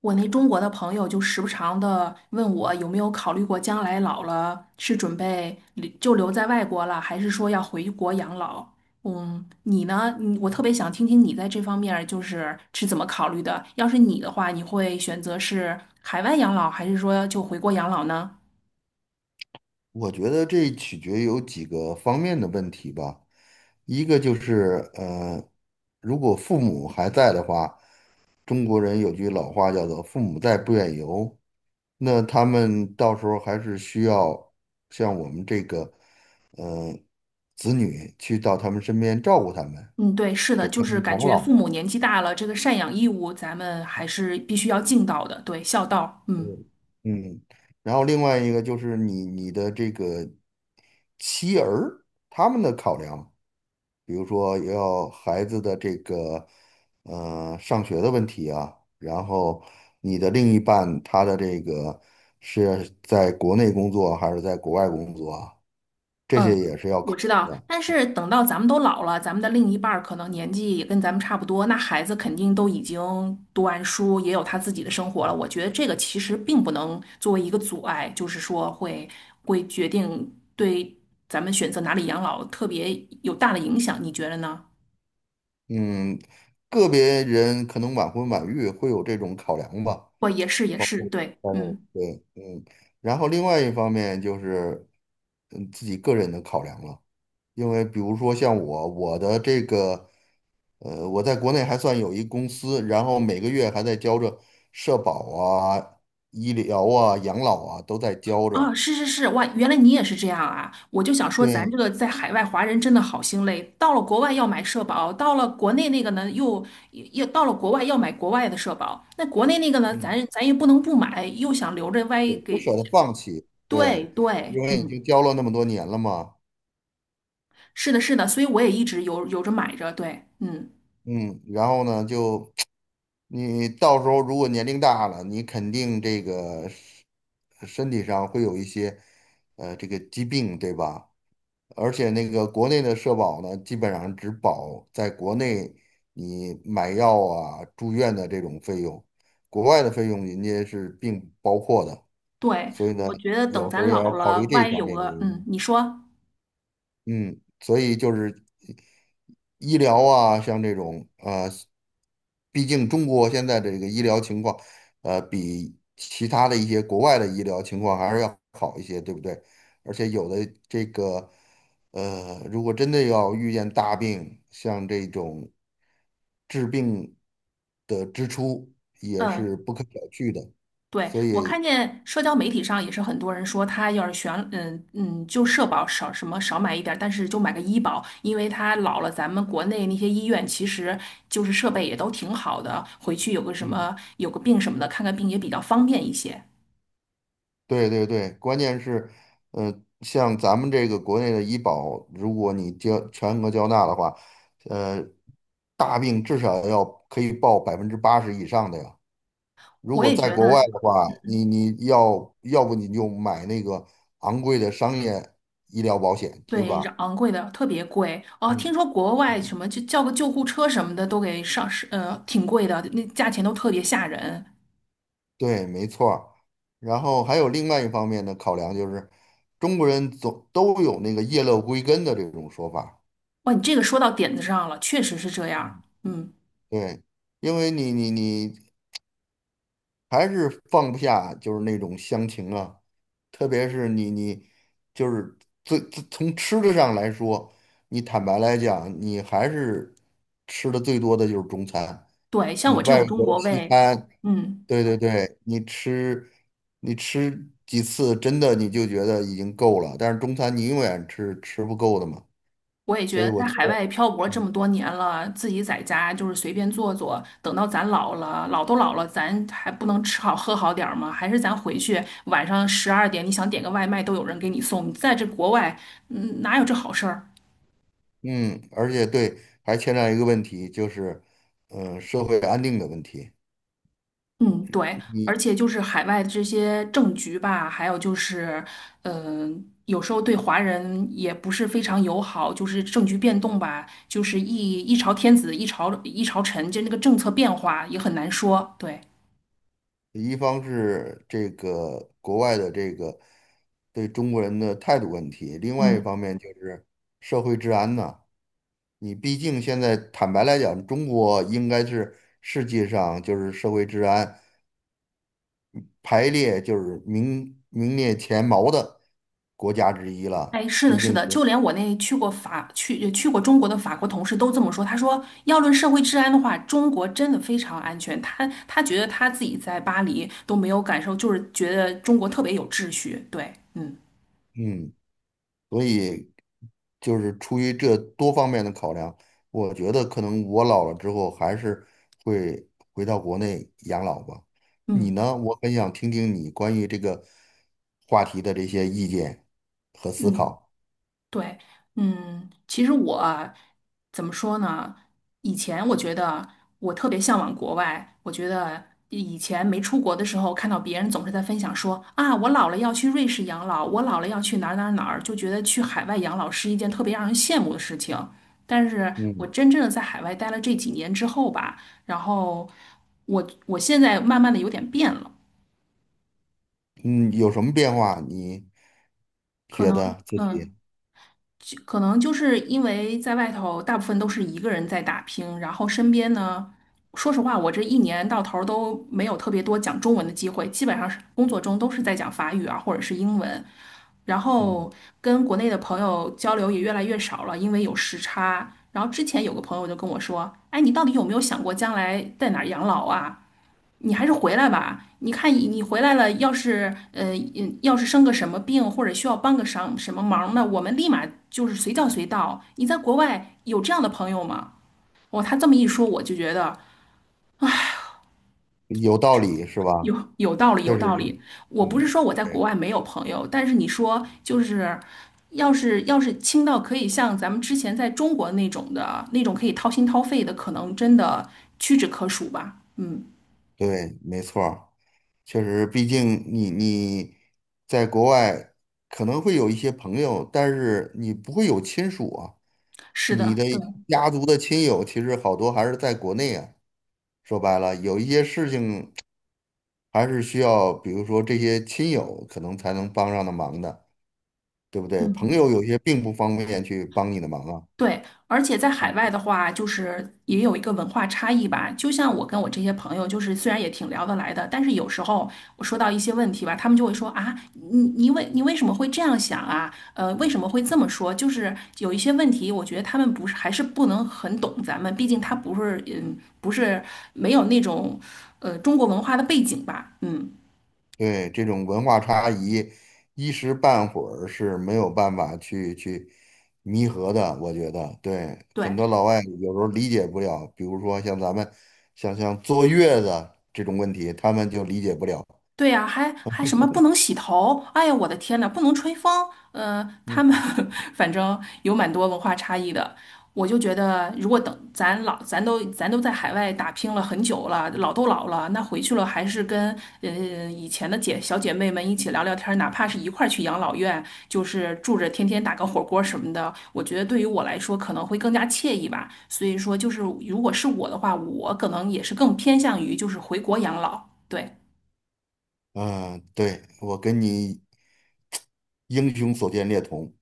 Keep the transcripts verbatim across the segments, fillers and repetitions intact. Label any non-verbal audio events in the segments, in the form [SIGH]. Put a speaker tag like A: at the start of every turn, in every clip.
A: 我那中国的朋友就时不常的问我有没有考虑过将来老了是准备留就留在外国了，还是说要回国养老？嗯，你呢？你我特别想听听你在这方面儿就是是怎么考虑的。要是你的话，你会选择是海外养老，还是说就回国养老呢？
B: 我觉得这取决有几个方面的问题吧。一个就是，呃，如果父母还在的话，中国人有句老话叫做“父母在，不远游”，那他们到时候还是需要像我们这个，呃，子女去到他们身边照顾他们，
A: 嗯，对，是
B: 给
A: 的，
B: 他
A: 就是
B: 们
A: 感
B: 养
A: 觉父
B: 老。
A: 母年纪大了，这个赡养义务咱们还是必须要尽到的，对，孝道。嗯。
B: 嗯，嗯。然后另外一个就是你你的这个妻儿他们的考量。比如说要孩子的这个呃上学的问题啊，然后你的另一半他的这个是在国内工作还是在国外工作啊，这
A: 嗯，
B: 些也是要
A: 我
B: 考
A: 知
B: 虑
A: 道，
B: 的。
A: 但是等到咱们都老了，咱们的另一半儿可能年纪也跟咱们差不多，那孩子肯定都已经读完书，也有他自己的生活了。我觉得这个其实并不能作为一个阻碍，就是说会会决定对咱们选择哪里养老特别有大的影响，你觉得呢？
B: 嗯，个别人可能晚婚晚育会有这种考量吧。
A: 我也是，也是，对，
B: 但是
A: 嗯。
B: 对，嗯，然后另外一方面就是嗯自己个人的考量了。因为比如说像我，我的这个，呃，我在国内还算有一公司，然后每个月还在交着社保啊、医疗啊、养老啊都在交
A: 啊，
B: 着。
A: 是是是，哇，原来你也是这样啊！我就想说，咱
B: 对，
A: 这个在海外华人真的好心累，到了国外要买社保，到了国内那个呢又又也到了国外要买国外的社保，那国内那个呢，
B: 嗯，
A: 咱咱也不能不买，又想留着，万一
B: 对，不
A: 给……
B: 舍得放弃，
A: 对
B: 对，因
A: 对，
B: 为已
A: 嗯，
B: 经交了那么多年了嘛。
A: 是的，是的，所以我也一直有有着买着，对，嗯，
B: 嗯，然后呢，就你到时候如果年龄大了，你肯定这个身身体上会有一些，呃，这个疾病，对吧？而且那个国内的社保呢，基本上只保在国内你买药啊、住院的这种费用，国外的费用人家是并不包括的，
A: 对，
B: 所以呢，
A: 我觉得等
B: 有时候
A: 咱
B: 也要
A: 老
B: 考
A: 了，
B: 虑这
A: 万一
B: 方
A: 有
B: 面的
A: 个……
B: 原
A: 嗯，
B: 因。
A: 你说，
B: 嗯，所以就是医疗啊，像这种呃，毕竟中国现在这个医疗情况，呃，比其他的一些国外的医疗情况还是要好一些，对不对？而且有的这个，呃，如果真的要遇见大病，像这种治病的支出也
A: 嗯。
B: 是不可小觑的。
A: 对，
B: 所
A: 我
B: 以，
A: 看见社交媒体上也是很多人说，他要是选，嗯嗯，就社保少什么少买一点儿，但是就买个医保，因为他老了，咱们国内那些医院其实就是设备也都挺好的，回去有个什
B: 嗯，
A: 么有个病什么的，看看病也比较方便一些。
B: 对对对，关键是，呃，像咱们这个国内的医保，如果你交全额交纳的话，呃，大病至少要可以报百分之八十以上的呀。如
A: 我
B: 果
A: 也
B: 在
A: 觉
B: 国外
A: 得，
B: 的话，你你要要不你就买那个昂贵的商业医疗保险，对
A: 对，
B: 吧？
A: 昂贵的特别贵哦。听
B: 嗯
A: 说国外
B: 嗯，
A: 什么就叫个救护车什么的都给上是，呃，挺贵的，那价钱都特别吓人。
B: 对，没错儿。然后还有另外一方面的考量就是，中国人总都有那个叶落归根的这种说法。
A: 哇，你这个说到点子上了，确实是这样，嗯。
B: 对，因为你你你还是放不下，就是那种乡情啊，特别是你你就是最最从吃的上来说，你坦白来讲，你还是吃的最多的就是中餐，
A: 对，像
B: 你
A: 我这
B: 外
A: 种中
B: 国的
A: 国
B: 西
A: 胃，
B: 餐，
A: 嗯，
B: 对对对，你吃你吃几次，真的你就觉得已经够了，但是中餐你永远吃吃不够的嘛，
A: 我也觉
B: 所
A: 得
B: 以我
A: 在
B: 觉
A: 海外
B: 得。
A: 漂泊这么多年了，自己在家就是随便做做，等到咱老了，老都老了，咱还不能吃好喝好点儿吗？还是咱回去晚上十二点，你想点个外卖都有人给你送。你在这国外，嗯，哪有这好事儿？
B: 嗯，而且对，还牵扯一个问题，就是，嗯，社会安定的问题。
A: 嗯，对，
B: 你
A: 而且就是海外这些政局吧，还有就是，嗯、有时候对华人也不是非常友好，就是政局变动吧，就是一一朝天子一朝一朝臣，就那个政策变化也很难说。对，
B: 一方是这个国外的这个对中国人的态度问题，另外一
A: 嗯，
B: 方面就是社会治安呐。你毕竟现在坦白来讲，中国应该是世界上就是社会治安排列就是名名列前茅的国家之一
A: 哎，
B: 了。
A: 是的，
B: 毕
A: 是
B: 竟
A: 的，就连我那去过法去去过中国的法国同事都这么说，他说要论社会治安的话，中国真的非常安全，他他觉得他自己在巴黎都没有感受，就是觉得中国特别有秩序。对，嗯
B: 嗯，所以就是出于这多方面的考量，我觉得可能我老了之后还是会回到国内养老吧。你
A: 嗯。
B: 呢？我很想听听你关于这个话题的这些意见和思
A: 嗯，
B: 考。
A: 对，嗯，其实我啊怎么说呢？以前我觉得我特别向往国外，我觉得以前没出国的时候，看到别人总是在分享说啊，我老了要去瑞士养老，我老了要去哪儿哪儿哪儿，就觉得去海外养老是一件特别让人羡慕的事情。但是我
B: 嗯
A: 真正的在海外待了这几年之后吧，然后我我现在慢慢的有点变了，
B: 嗯，有什么变化？你
A: 可
B: 觉
A: 能。
B: 得自己
A: 嗯。可能就是因为在外头大部分都是一个人在打拼，然后身边呢，说实话，我这一年到头儿都没有特别多讲中文的机会，基本上是工作中都是在讲法语啊，或者是英文，然
B: 嗯
A: 后跟国内的朋友交流也越来越少了，因为有时差。然后之前有个朋友就跟我说：“哎，你到底有没有想过将来在哪儿养老啊？”你还是回来吧。你看你你回来了，要是呃嗯要是生个什么病，或者需要帮个什什么忙呢，我们立马就是随叫随到。你在国外有这样的朋友吗？哦，他这么一说，我就觉得
B: 有道理是
A: 有
B: 吧？
A: 有道理，有
B: 确实
A: 道
B: 是，
A: 理。我不
B: 嗯，
A: 是说我在国
B: 对
A: 外没有朋友，但是你说就是。要是要是亲到可以像咱们之前在中国那种的那种可以掏心掏肺的，可能真的屈指可数吧。嗯，
B: 对，没错儿。确实，毕竟你你在国外可能会有一些朋友，但是你不会有亲属啊。
A: 是
B: 你
A: 的，
B: 的
A: 对，
B: 家族的亲友其实好多还是在国内啊。说白了，有一些事情还是需要，比如说这些亲友可能才能帮上的忙的，对不对？朋
A: 嗯。
B: 友有些并不方便去帮你的忙啊。
A: 对，而且在海外的话，就是也有一个文化差异吧。就像我跟我这些朋友，就是虽然也挺聊得来的，但是有时候我说到一些问题吧，他们就会说啊，你你为你为什么会这样想啊？呃，为什么会这么说？就是有一些问题，我觉得他们不是还是不能很懂咱们，毕竟他不是嗯不是没有那种呃中国文化的背景吧，嗯。
B: 对，这种文化差异，一时半会儿是没有办法去去弥合的。我觉得，对，很
A: 对，
B: 多老外有时候理解不了，比如说像咱们，像像坐月子这种问题，他们就理解不了。
A: 对呀，还还什么不能洗头？哎呀，我的天呐，不能吹风。嗯，他们
B: 嗯
A: [LAUGHS] 反正有蛮多文化差异的。我就觉得，如果等咱老咱都咱都在海外打拼了很久了，老都老了，那回去了还是跟嗯以前的姐小姐妹们一起聊聊天儿，哪怕是一块儿去养老院，就是住着天天打个火锅什么的，我觉得对于我来说可能会更加惬意吧。所以说，就是如果是我的话，我可能也是更偏向于就是回国养老。对
B: 嗯，对，我跟你英雄所见略同，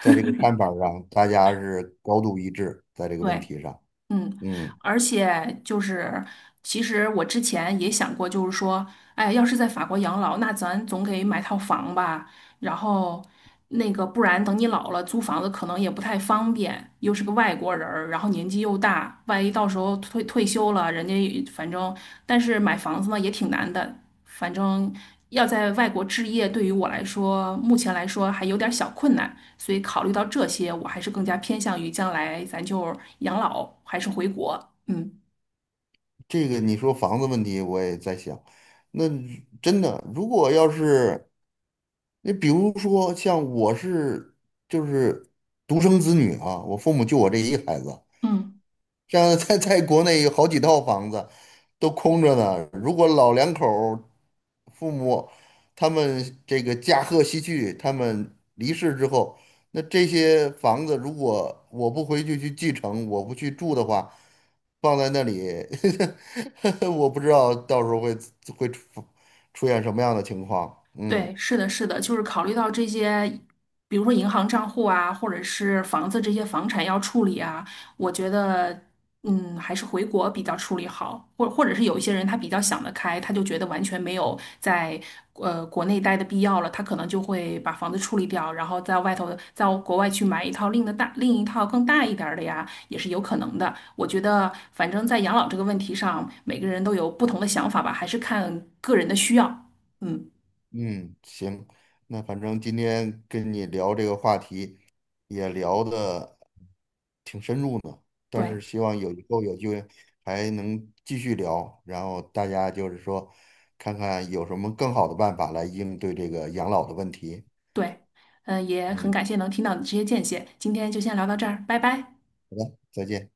B: 在这个看法上，大家是高度一致，在这个问
A: 对。
B: 题上。
A: 嗯，
B: 嗯，
A: 而且就是，其实我之前也想过，就是说，哎，要是在法国养老，那咱总得买套房吧。然后，那个不然等你老了租房子可能也不太方便，又是个外国人儿，然后年纪又大，万一到时候退退休了，人家也反正，但是买房子呢也挺难的，反正要在外国置业，对于我来说，目前来说还有点小困难，所以考虑到这些，我还是更加偏向于将来咱就养老还是回国，嗯
B: 这个你说房子问题，我也在想，那真的，如果要是。你比如说，像我是就是独生子女啊，我父母就我这一孩子，
A: 嗯。
B: 像在在国内有好几套房子都空着呢。如果老两口儿父母他们这个驾鹤西去，他们离世之后，那这些房子如果我不回去去继承，我不去住的话，放在那里，[LAUGHS] 我不知道到时候会会出出现什么样的情况。嗯
A: 对，是的，是的，就是考虑到这些，比如说银行账户啊，或者是房子这些房产要处理啊，我觉得，嗯，还是回国比较处理好，或或者是有一些人他比较想得开，他就觉得完全没有在呃国内待的必要了，他可能就会把房子处理掉，然后在外头在国外去买一套另的大另一套更大一点儿的呀，也是有可能的。我觉得，反正在养老这个问题上，每个人都有不同的想法吧，还是看个人的需要，嗯。
B: 嗯，行，那反正今天跟你聊这个话题，也聊的挺深入呢。但
A: 对。
B: 是希望有以后有机会还能继续聊，然后大家就是说，看看有什么更好的办法来应对这个养老的问题。
A: 对，嗯、也很
B: 嗯，
A: 感谢能听到你这些见解，今天就先聊到这儿，拜拜。
B: 好的，再见。